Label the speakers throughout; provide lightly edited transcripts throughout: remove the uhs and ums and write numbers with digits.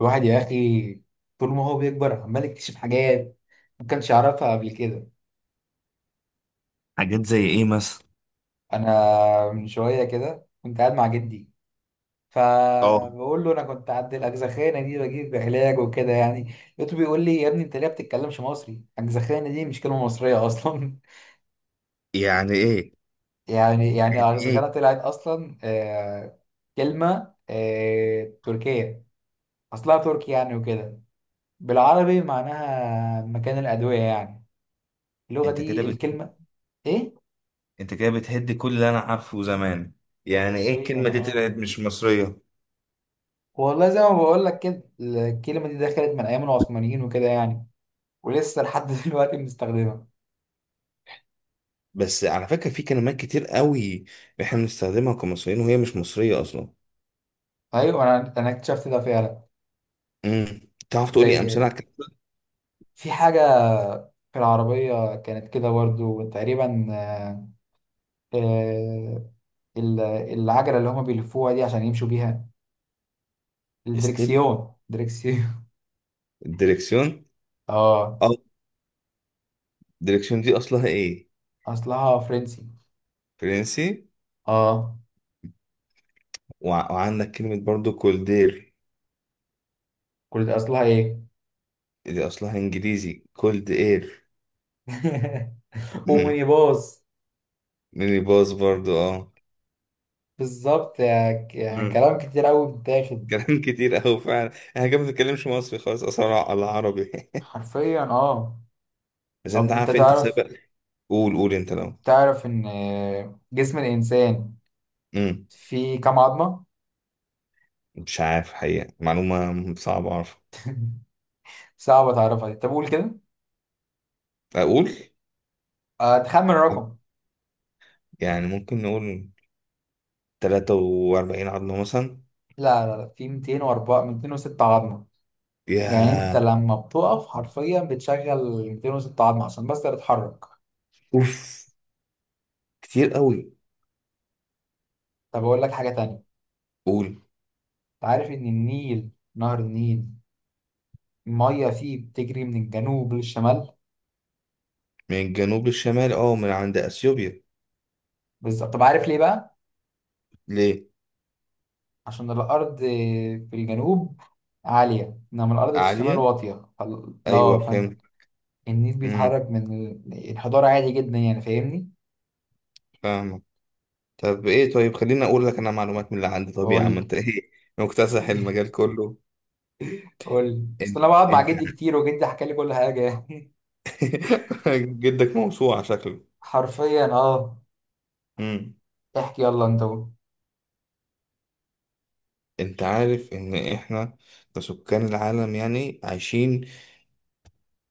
Speaker 1: الواحد يا اخي، طول ما هو بيكبر عمال يكتشف حاجات ما كانش يعرفها قبل كده.
Speaker 2: حاجات زي ايه مثلا؟
Speaker 1: انا من شويه كده كنت قاعد مع جدي،
Speaker 2: اه.
Speaker 1: فبقول له انا كنت عند الاجزخانه دي بجيب علاج وكده يعني. لقيته بيقول لي: يا ابني انت ليه ما بتتكلمش مصري؟ الاجزخانه دي مش كلمه مصريه اصلا.
Speaker 2: يعني ايه؟
Speaker 1: يعني
Speaker 2: يعني ايه؟
Speaker 1: الاجزخانه طلعت اصلا كلمه تركيه. اصلها تركي يعني وكده. بالعربي معناها مكان الادويه يعني اللغه
Speaker 2: انت كده
Speaker 1: دي
Speaker 2: بت...
Speaker 1: الكلمه. ايه؟
Speaker 2: انت كده بتهد كل اللي انا عارفه زمان. يعني ايه
Speaker 1: حرفيا
Speaker 2: الكلمه دي طلعت
Speaker 1: اه،
Speaker 2: مش مصريه؟
Speaker 1: والله زي ما بقول لك كده الكلمه دي دخلت من ايام العثمانيين وكده يعني، ولسه لحد دلوقتي بنستخدمها.
Speaker 2: بس على فكره، في كلمات كتير قوي احنا بنستخدمها كمصريين وهي مش مصريه اصلا.
Speaker 1: ايوه، انا اكتشفت ده فعلا.
Speaker 2: امم. تعرف تقول لي
Speaker 1: زي
Speaker 2: امثله على الكلام ده؟
Speaker 1: في حاجه، في العربيه كانت كده برضه تقريبا. آه، العجله اللي هما بيلفوها دي عشان يمشوا بيها
Speaker 2: استيب.
Speaker 1: الدركسيون، دركسيون.
Speaker 2: الدركسيون.
Speaker 1: اه،
Speaker 2: اه. الدركسيون دي اصلها ايه؟
Speaker 1: اصلها فرنسي.
Speaker 2: فرنسي.
Speaker 1: اه،
Speaker 2: وعندك كلمه برضو كولدير.
Speaker 1: كل ده اصلها ايه؟
Speaker 2: دي اصلها انجليزي، كولد اير. مم.
Speaker 1: اومنيباص.
Speaker 2: ميني باص برضو، اه.
Speaker 1: بالظبط، يعني كلام كتير قوي بيتاخد.
Speaker 2: كلام كتير قوي فعلا. احنا كده ما بنتكلمش مصري خالص اصلا على العربي.
Speaker 1: حرفيا اه.
Speaker 2: بس انت
Speaker 1: طب انت
Speaker 2: عارف انت
Speaker 1: تعرف
Speaker 2: سبق. قول انت لو.
Speaker 1: تعرف ان جسم الانسان
Speaker 2: امم.
Speaker 1: فيه كام عظمة؟
Speaker 2: مش عارف حقيقة، معلومة صعبة اعرف.
Speaker 1: صعب تعرفها دي. طب قول كده،
Speaker 2: اقول؟
Speaker 1: تخمن الرقم.
Speaker 2: يعني ممكن نقول 43 عظمة مثلا.
Speaker 1: لا لا لا، في 204 206 عظمة. يعني انت
Speaker 2: يا.
Speaker 1: لما بتقف حرفيا بتشغل 206 عظمة عشان بس تتحرك.
Speaker 2: اوف، كتير قوي.
Speaker 1: طب اقول لك حاجة تانية. انت
Speaker 2: قول.
Speaker 1: عارف ان النيل، نهر النيل، المية فيه بتجري من الجنوب للشمال؟
Speaker 2: من الجنوب للشمال، اه، من عند اثيوبيا.
Speaker 1: بالظبط. طب عارف ليه بقى؟
Speaker 2: ليه؟
Speaker 1: عشان الأرض في الجنوب عالية، إنما الأرض في الشمال
Speaker 2: عالية.
Speaker 1: واطية. فال-
Speaker 2: ايوه
Speaker 1: لا فن-
Speaker 2: فهمت.
Speaker 1: النيل
Speaker 2: امم.
Speaker 1: بيتحرك من الحضارة عادي جدا يعني. فاهمني؟
Speaker 2: فاهمك. طب ايه؟ طيب خليني اقول لك انا معلومات من اللي عندي. طب يا عم
Speaker 1: قول.
Speaker 2: انت ايه؟ مكتسح المجال كله.
Speaker 1: قول بس
Speaker 2: انت
Speaker 1: أنا بقعد مع
Speaker 2: انت.
Speaker 1: جدي كتير، وجدي حكى لي كل حاجة يعني.
Speaker 2: جدك موسوعة شكله.
Speaker 1: حرفيا اه.
Speaker 2: امم.
Speaker 1: احكي، يلا انت قول.
Speaker 2: انت عارف ان احنا كسكان العالم يعني عايشين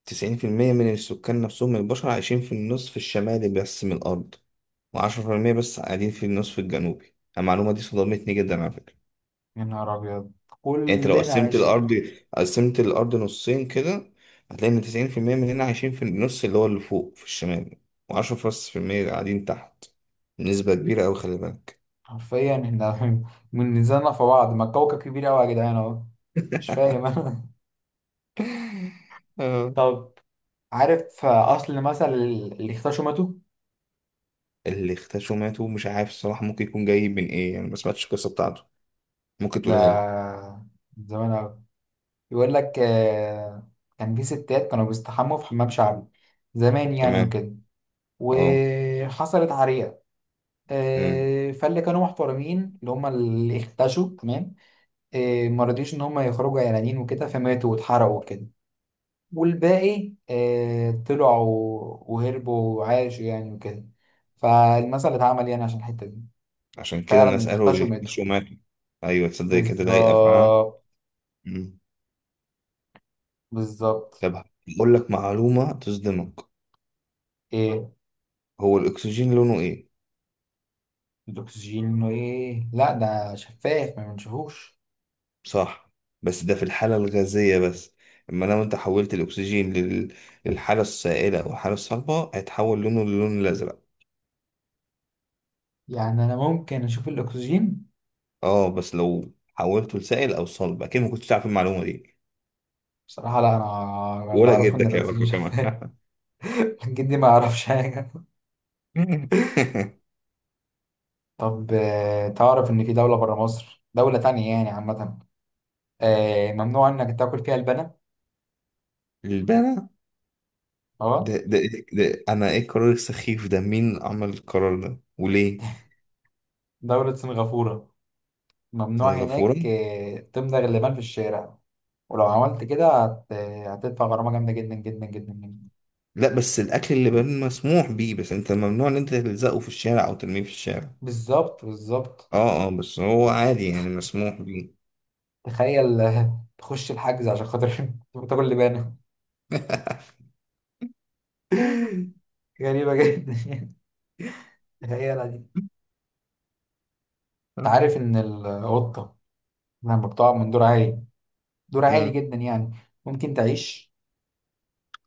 Speaker 2: 90% من السكان، نفسهم من البشر عايشين في النصف الشمالي بس من الارض، و10% بس قاعدين في النصف الجنوبي. المعلومة دي صدمتني جدا على فكرة.
Speaker 1: يا نهار أبيض!
Speaker 2: يعني انت لو
Speaker 1: كلنا
Speaker 2: قسمت
Speaker 1: عايشين
Speaker 2: الارض قسمت الارض نصين كده، هتلاقي ان 90% مننا عايشين في النص اللي هو اللي فوق في الشمال، و10% قاعدين تحت. نسبة كبيرة أوي، خلي بالك.
Speaker 1: حرفيا احنا من نزلنا في بعض، ما الكوكب كبير أوي يا جدعان اهو. مش فاهم أنا.
Speaker 2: اه
Speaker 1: طب عارف أصل مثل اللي اختشمته؟
Speaker 2: اللي اختشوا ماتوا؟ مش عارف الصراحة، ممكن يكون جاي من ايه يعني؟ ما سمعتش القصة بتاعته، ممكن تقولها لي.
Speaker 1: ده من زمان أوي. يقول لك كان في ستات كانوا بيستحموا في حمام شعبي زمان يعني
Speaker 2: تمام.
Speaker 1: وكده.
Speaker 2: اه.
Speaker 1: وحصلت عريقة.
Speaker 2: امم.
Speaker 1: فاللي كانوا محترمين اللي هم اللي اختشوا تمام. ما رضيش ان هم يخرجوا عيانين وكده، فماتوا واتحرقوا وكده. والباقي طلعوا وهربوا وعاشوا يعني وكده. فالمثل اتعمل يعني عشان الحتة دي.
Speaker 2: عشان كده
Speaker 1: فعلا
Speaker 2: الناس قالوا
Speaker 1: اختشوا
Speaker 2: اللي
Speaker 1: وماتوا.
Speaker 2: اختشوا ماتوا. ايوه، تصدق كده لايقة فعلا.
Speaker 1: بالظبط،
Speaker 2: امم.
Speaker 1: بالظبط.
Speaker 2: طب، هقول لك معلومة تصدمك.
Speaker 1: ايه؟
Speaker 2: هو الاكسجين لونه ايه؟
Speaker 1: الاكسجين انه ايه؟ لا، ده شفاف ما بنشوفوش.
Speaker 2: صح، بس ده في الحالة الغازية بس. اما لو انت حولت الاكسجين للحالة السائلة او الحالة الصلبة هيتحول لونه للون الازرق.
Speaker 1: يعني انا ممكن اشوف الاكسجين؟
Speaker 2: اه، بس لو حولته لسائل او صلب، اكيد ما كنتش تعرف المعلومة دي.
Speaker 1: بصراحة لا، انا اللي
Speaker 2: ولا
Speaker 1: اعرفه ان
Speaker 2: جدك
Speaker 1: الاكسجين
Speaker 2: يعرفها كمان.
Speaker 1: شفاف. جدي ما يعرفش حاجة. طب تعرف ان في دولة برا مصر، دولة تانية يعني عامة، ممنوع انك تاكل فيها اللبن؟
Speaker 2: البنا. ده
Speaker 1: اه،
Speaker 2: ده إيه؟ ده انا ايه القرار السخيف ده؟ مين عمل القرار ده وليه؟
Speaker 1: دولة سنغافورة. ممنوع
Speaker 2: سنغافورة.
Speaker 1: هناك تمضغ اللبن في الشارع. ولو عملت كده هتدفع غرامة جامدة جدا جدا جدا جدا.
Speaker 2: لا بس الاكل اللي بان مسموح بيه، بس انت ممنوع ان انت تلزقه في الشارع او ترميه في الشارع.
Speaker 1: بالظبط، بالظبط.
Speaker 2: اه اه، بس هو عادي يعني، مسموح بيه.
Speaker 1: تخيل تخش الحجز عشان خاطر تاكل لبانة. غريبة جدا يعني. تخيلها دي. انت عارف ان القطة لما بتقع من دور عالي، دور عالي
Speaker 2: امم.
Speaker 1: جدا يعني، ممكن تعيش؟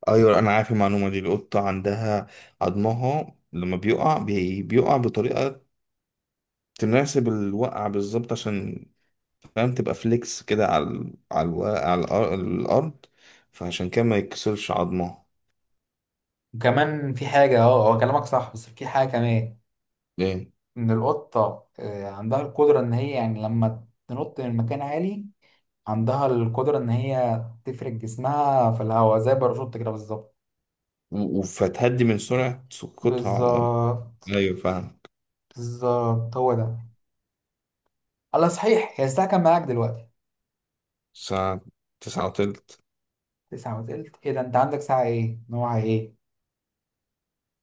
Speaker 2: ايوه انا عارف المعلومه دي، القطه عندها عظمها لما بيقع بيقع بطريقه تناسب الوقع بالظبط، عشان فاهم تبقى فليكس كده على الارض. فعشان كده ما يتكسرش عظمها.
Speaker 1: وكمان في حاجة. اه، هو كلامك صح بس في حاجة كمان،
Speaker 2: ليه؟
Speaker 1: ان القطة عندها القدرة ان هي يعني لما تنط من مكان عالي، عندها القدرة ان هي تفرد جسمها في الهواء زي باراشوت كده. بالظبط،
Speaker 2: فتهدي من سرعة سقوطها على الارض.
Speaker 1: بالظبط،
Speaker 2: ايوه فاهم.
Speaker 1: بالظبط، هو ده. الله، صحيح، هي الساعة كام معاك دلوقتي؟
Speaker 2: ساعة 9:20.
Speaker 1: 9:20. ايه ده؟ انت عندك ساعة ايه، نوعها ايه؟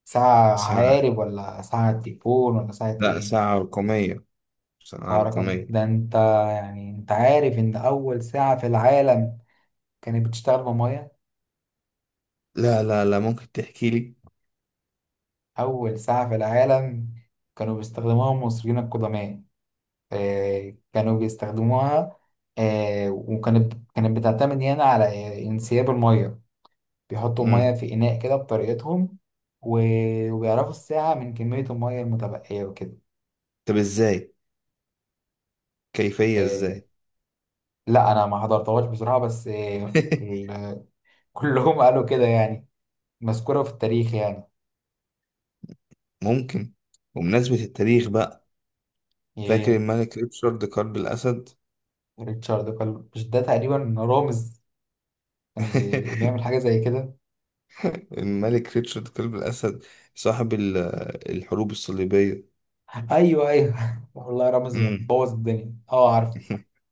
Speaker 1: ساعة
Speaker 2: ساعة،
Speaker 1: عقارب ولا ساعة تليفون ولا ساعة
Speaker 2: لا
Speaker 1: ايه؟
Speaker 2: ساعة رقمية. ساعة
Speaker 1: ساعة رقم،
Speaker 2: رقمية.
Speaker 1: ده انت يعني انت عارف ان اول ساعة في العالم كانت بتشتغل بمية؟
Speaker 2: لا لا لا، ممكن تحكي لي.
Speaker 1: اول ساعة في العالم كانوا بيستخدموها المصريين القدماء. كانوا بيستخدموها. وكانت بتعتمد هنا على انسياب المية. بيحطوا المية
Speaker 2: مم.
Speaker 1: في إناء كده بطريقتهم، وبيعرفوا الساعة من كمية المية المتبقية وكده.
Speaker 2: طب ازاي؟ كيفية ازاي؟
Speaker 1: آه، لا، انا ما حضرتهاش بصراحه، بس كلهم قالوا كده يعني، مذكوره في التاريخ يعني.
Speaker 2: ممكن. وبمناسبة التاريخ بقى، فاكر
Speaker 1: ايه؟
Speaker 2: الملك ريتشارد قلب الأسد؟
Speaker 1: ريتشارد قال؟ مش ده تقريبا رامز كان بيعمل حاجه زي كده؟
Speaker 2: الملك ريتشارد قلب الأسد صاحب الحروب الصليبية.
Speaker 1: ايوه، ايوه. والله رامز
Speaker 2: مم.
Speaker 1: بوظ الدنيا. اه، عارف.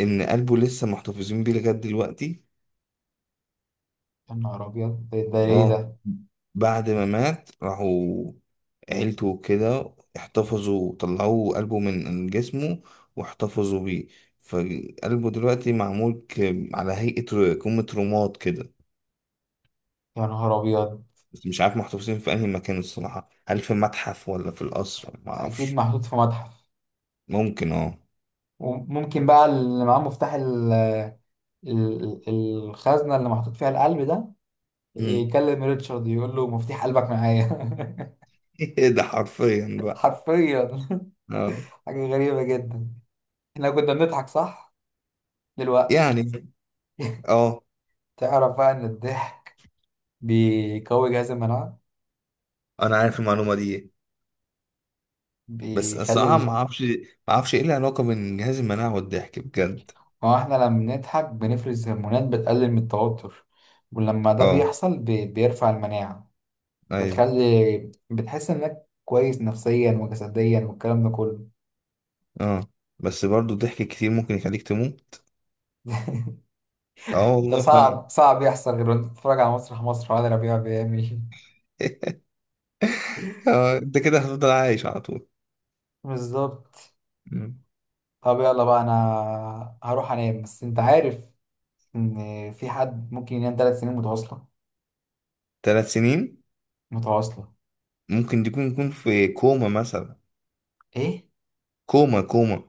Speaker 2: إن قلبه لسه محتفظين بيه لغاية دلوقتي.
Speaker 1: يا نهار ابيض! ده ايه
Speaker 2: اه،
Speaker 1: ده؟
Speaker 2: بعد ما مات راحوا عيلته وكده، احتفظوا طلعوا قلبه من جسمه واحتفظوا بيه. فقلبه دلوقتي معمول على هيئة كومة رماد كده.
Speaker 1: يا نهار ابيض!
Speaker 2: بس مش عارف محتفظين في أنهي مكان الصراحة، هل في متحف ولا في القصر، ما
Speaker 1: اكيد
Speaker 2: أعرفش.
Speaker 1: محطوط في متحف.
Speaker 2: ممكن، اه.
Speaker 1: وممكن بقى اللي معاه مفتاح ال- ال- الخزنه اللي محطوط فيها القلب ده
Speaker 2: مم.
Speaker 1: يكلم ريتشارد يقول له: مفتاح قلبك معايا.
Speaker 2: ده حرفيا بقى.
Speaker 1: حرفيا.
Speaker 2: اه.
Speaker 1: حاجة غريبة جدا. احنا كنا بنضحك، صح؟ دلوقتي
Speaker 2: يعني، اه،
Speaker 1: تعرف بقى ان الضحك بيقوي جهاز المناعة،
Speaker 2: انا عارف المعلومه دي، بس
Speaker 1: بيخلي
Speaker 2: الصراحه ما اعرفش، ما اعرفش ايه العلاقه بين جهاز المناعه والضحك بجد.
Speaker 1: ما هو احنا لما بنضحك بنفرز هرمونات بتقلل من التوتر. ولما ده
Speaker 2: اه.
Speaker 1: بيحصل بيرفع المناعة.
Speaker 2: ايوه.
Speaker 1: وتخلي، بتحس انك كويس نفسيا وجسديا والكلام ده كله.
Speaker 2: اه، بس برضو الضحك كتير ممكن يخليك تموت. اه
Speaker 1: ده
Speaker 2: والله فعلا.
Speaker 1: صعب صعب يحصل غير وانت بتتفرج على مسرح مصر، وعلي ربيع بيعمل إيه.
Speaker 2: اه، انت كده هتفضل عايش على طول.
Speaker 1: بالظبط.
Speaker 2: مم.
Speaker 1: طب يلا بقى، انا هروح انام. بس انت عارف ان في حد ممكن ينام 3 سنين متواصله؟
Speaker 2: ثلاث سنين؟
Speaker 1: متواصله.
Speaker 2: ممكن تكون، يكون في كوما مثلا.
Speaker 1: ايه؟
Speaker 2: كوما، كوما.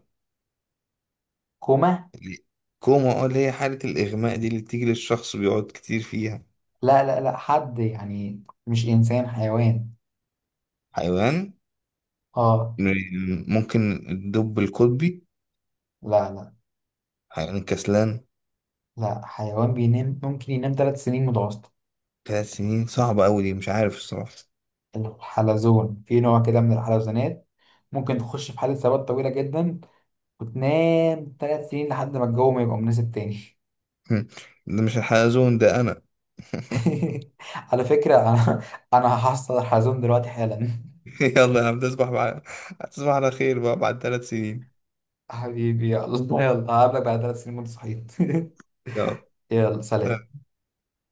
Speaker 1: كوما؟
Speaker 2: اللي- كوما، اه، اللي هي حالة الإغماء دي اللي بتيجي للشخص بيقعد كتير فيها.
Speaker 1: لا لا لا، حد يعني مش انسان، حيوان.
Speaker 2: حيوان؟
Speaker 1: اه.
Speaker 2: ممكن الدب القطبي.
Speaker 1: لا لا
Speaker 2: حيوان كسلان.
Speaker 1: لا، حيوان بينام ممكن ينام ثلاث سنين متواصله.
Speaker 2: ثلاث سنين صعبة أوي دي، مش عارف الصراحة.
Speaker 1: الحلزون، في نوع كده من الحلزونات ممكن تخش في حالة ثبات طويلة جدا وتنام 3 سنين لحد ما الجو ما يبقى مناسب تاني.
Speaker 2: هم. ده مش الحلزون ده أنا.
Speaker 1: على فكرة، أنا هحصل الحلزون دلوقتي حالا.
Speaker 2: يلا يا عم تصبح بقى، تصبح على خير بقى بعد 3 سنين.
Speaker 1: حبيبي، يلا يلا هقابلك بعد 3 سنين وأنت صحيت.
Speaker 2: يلا.
Speaker 1: يلا، سلام.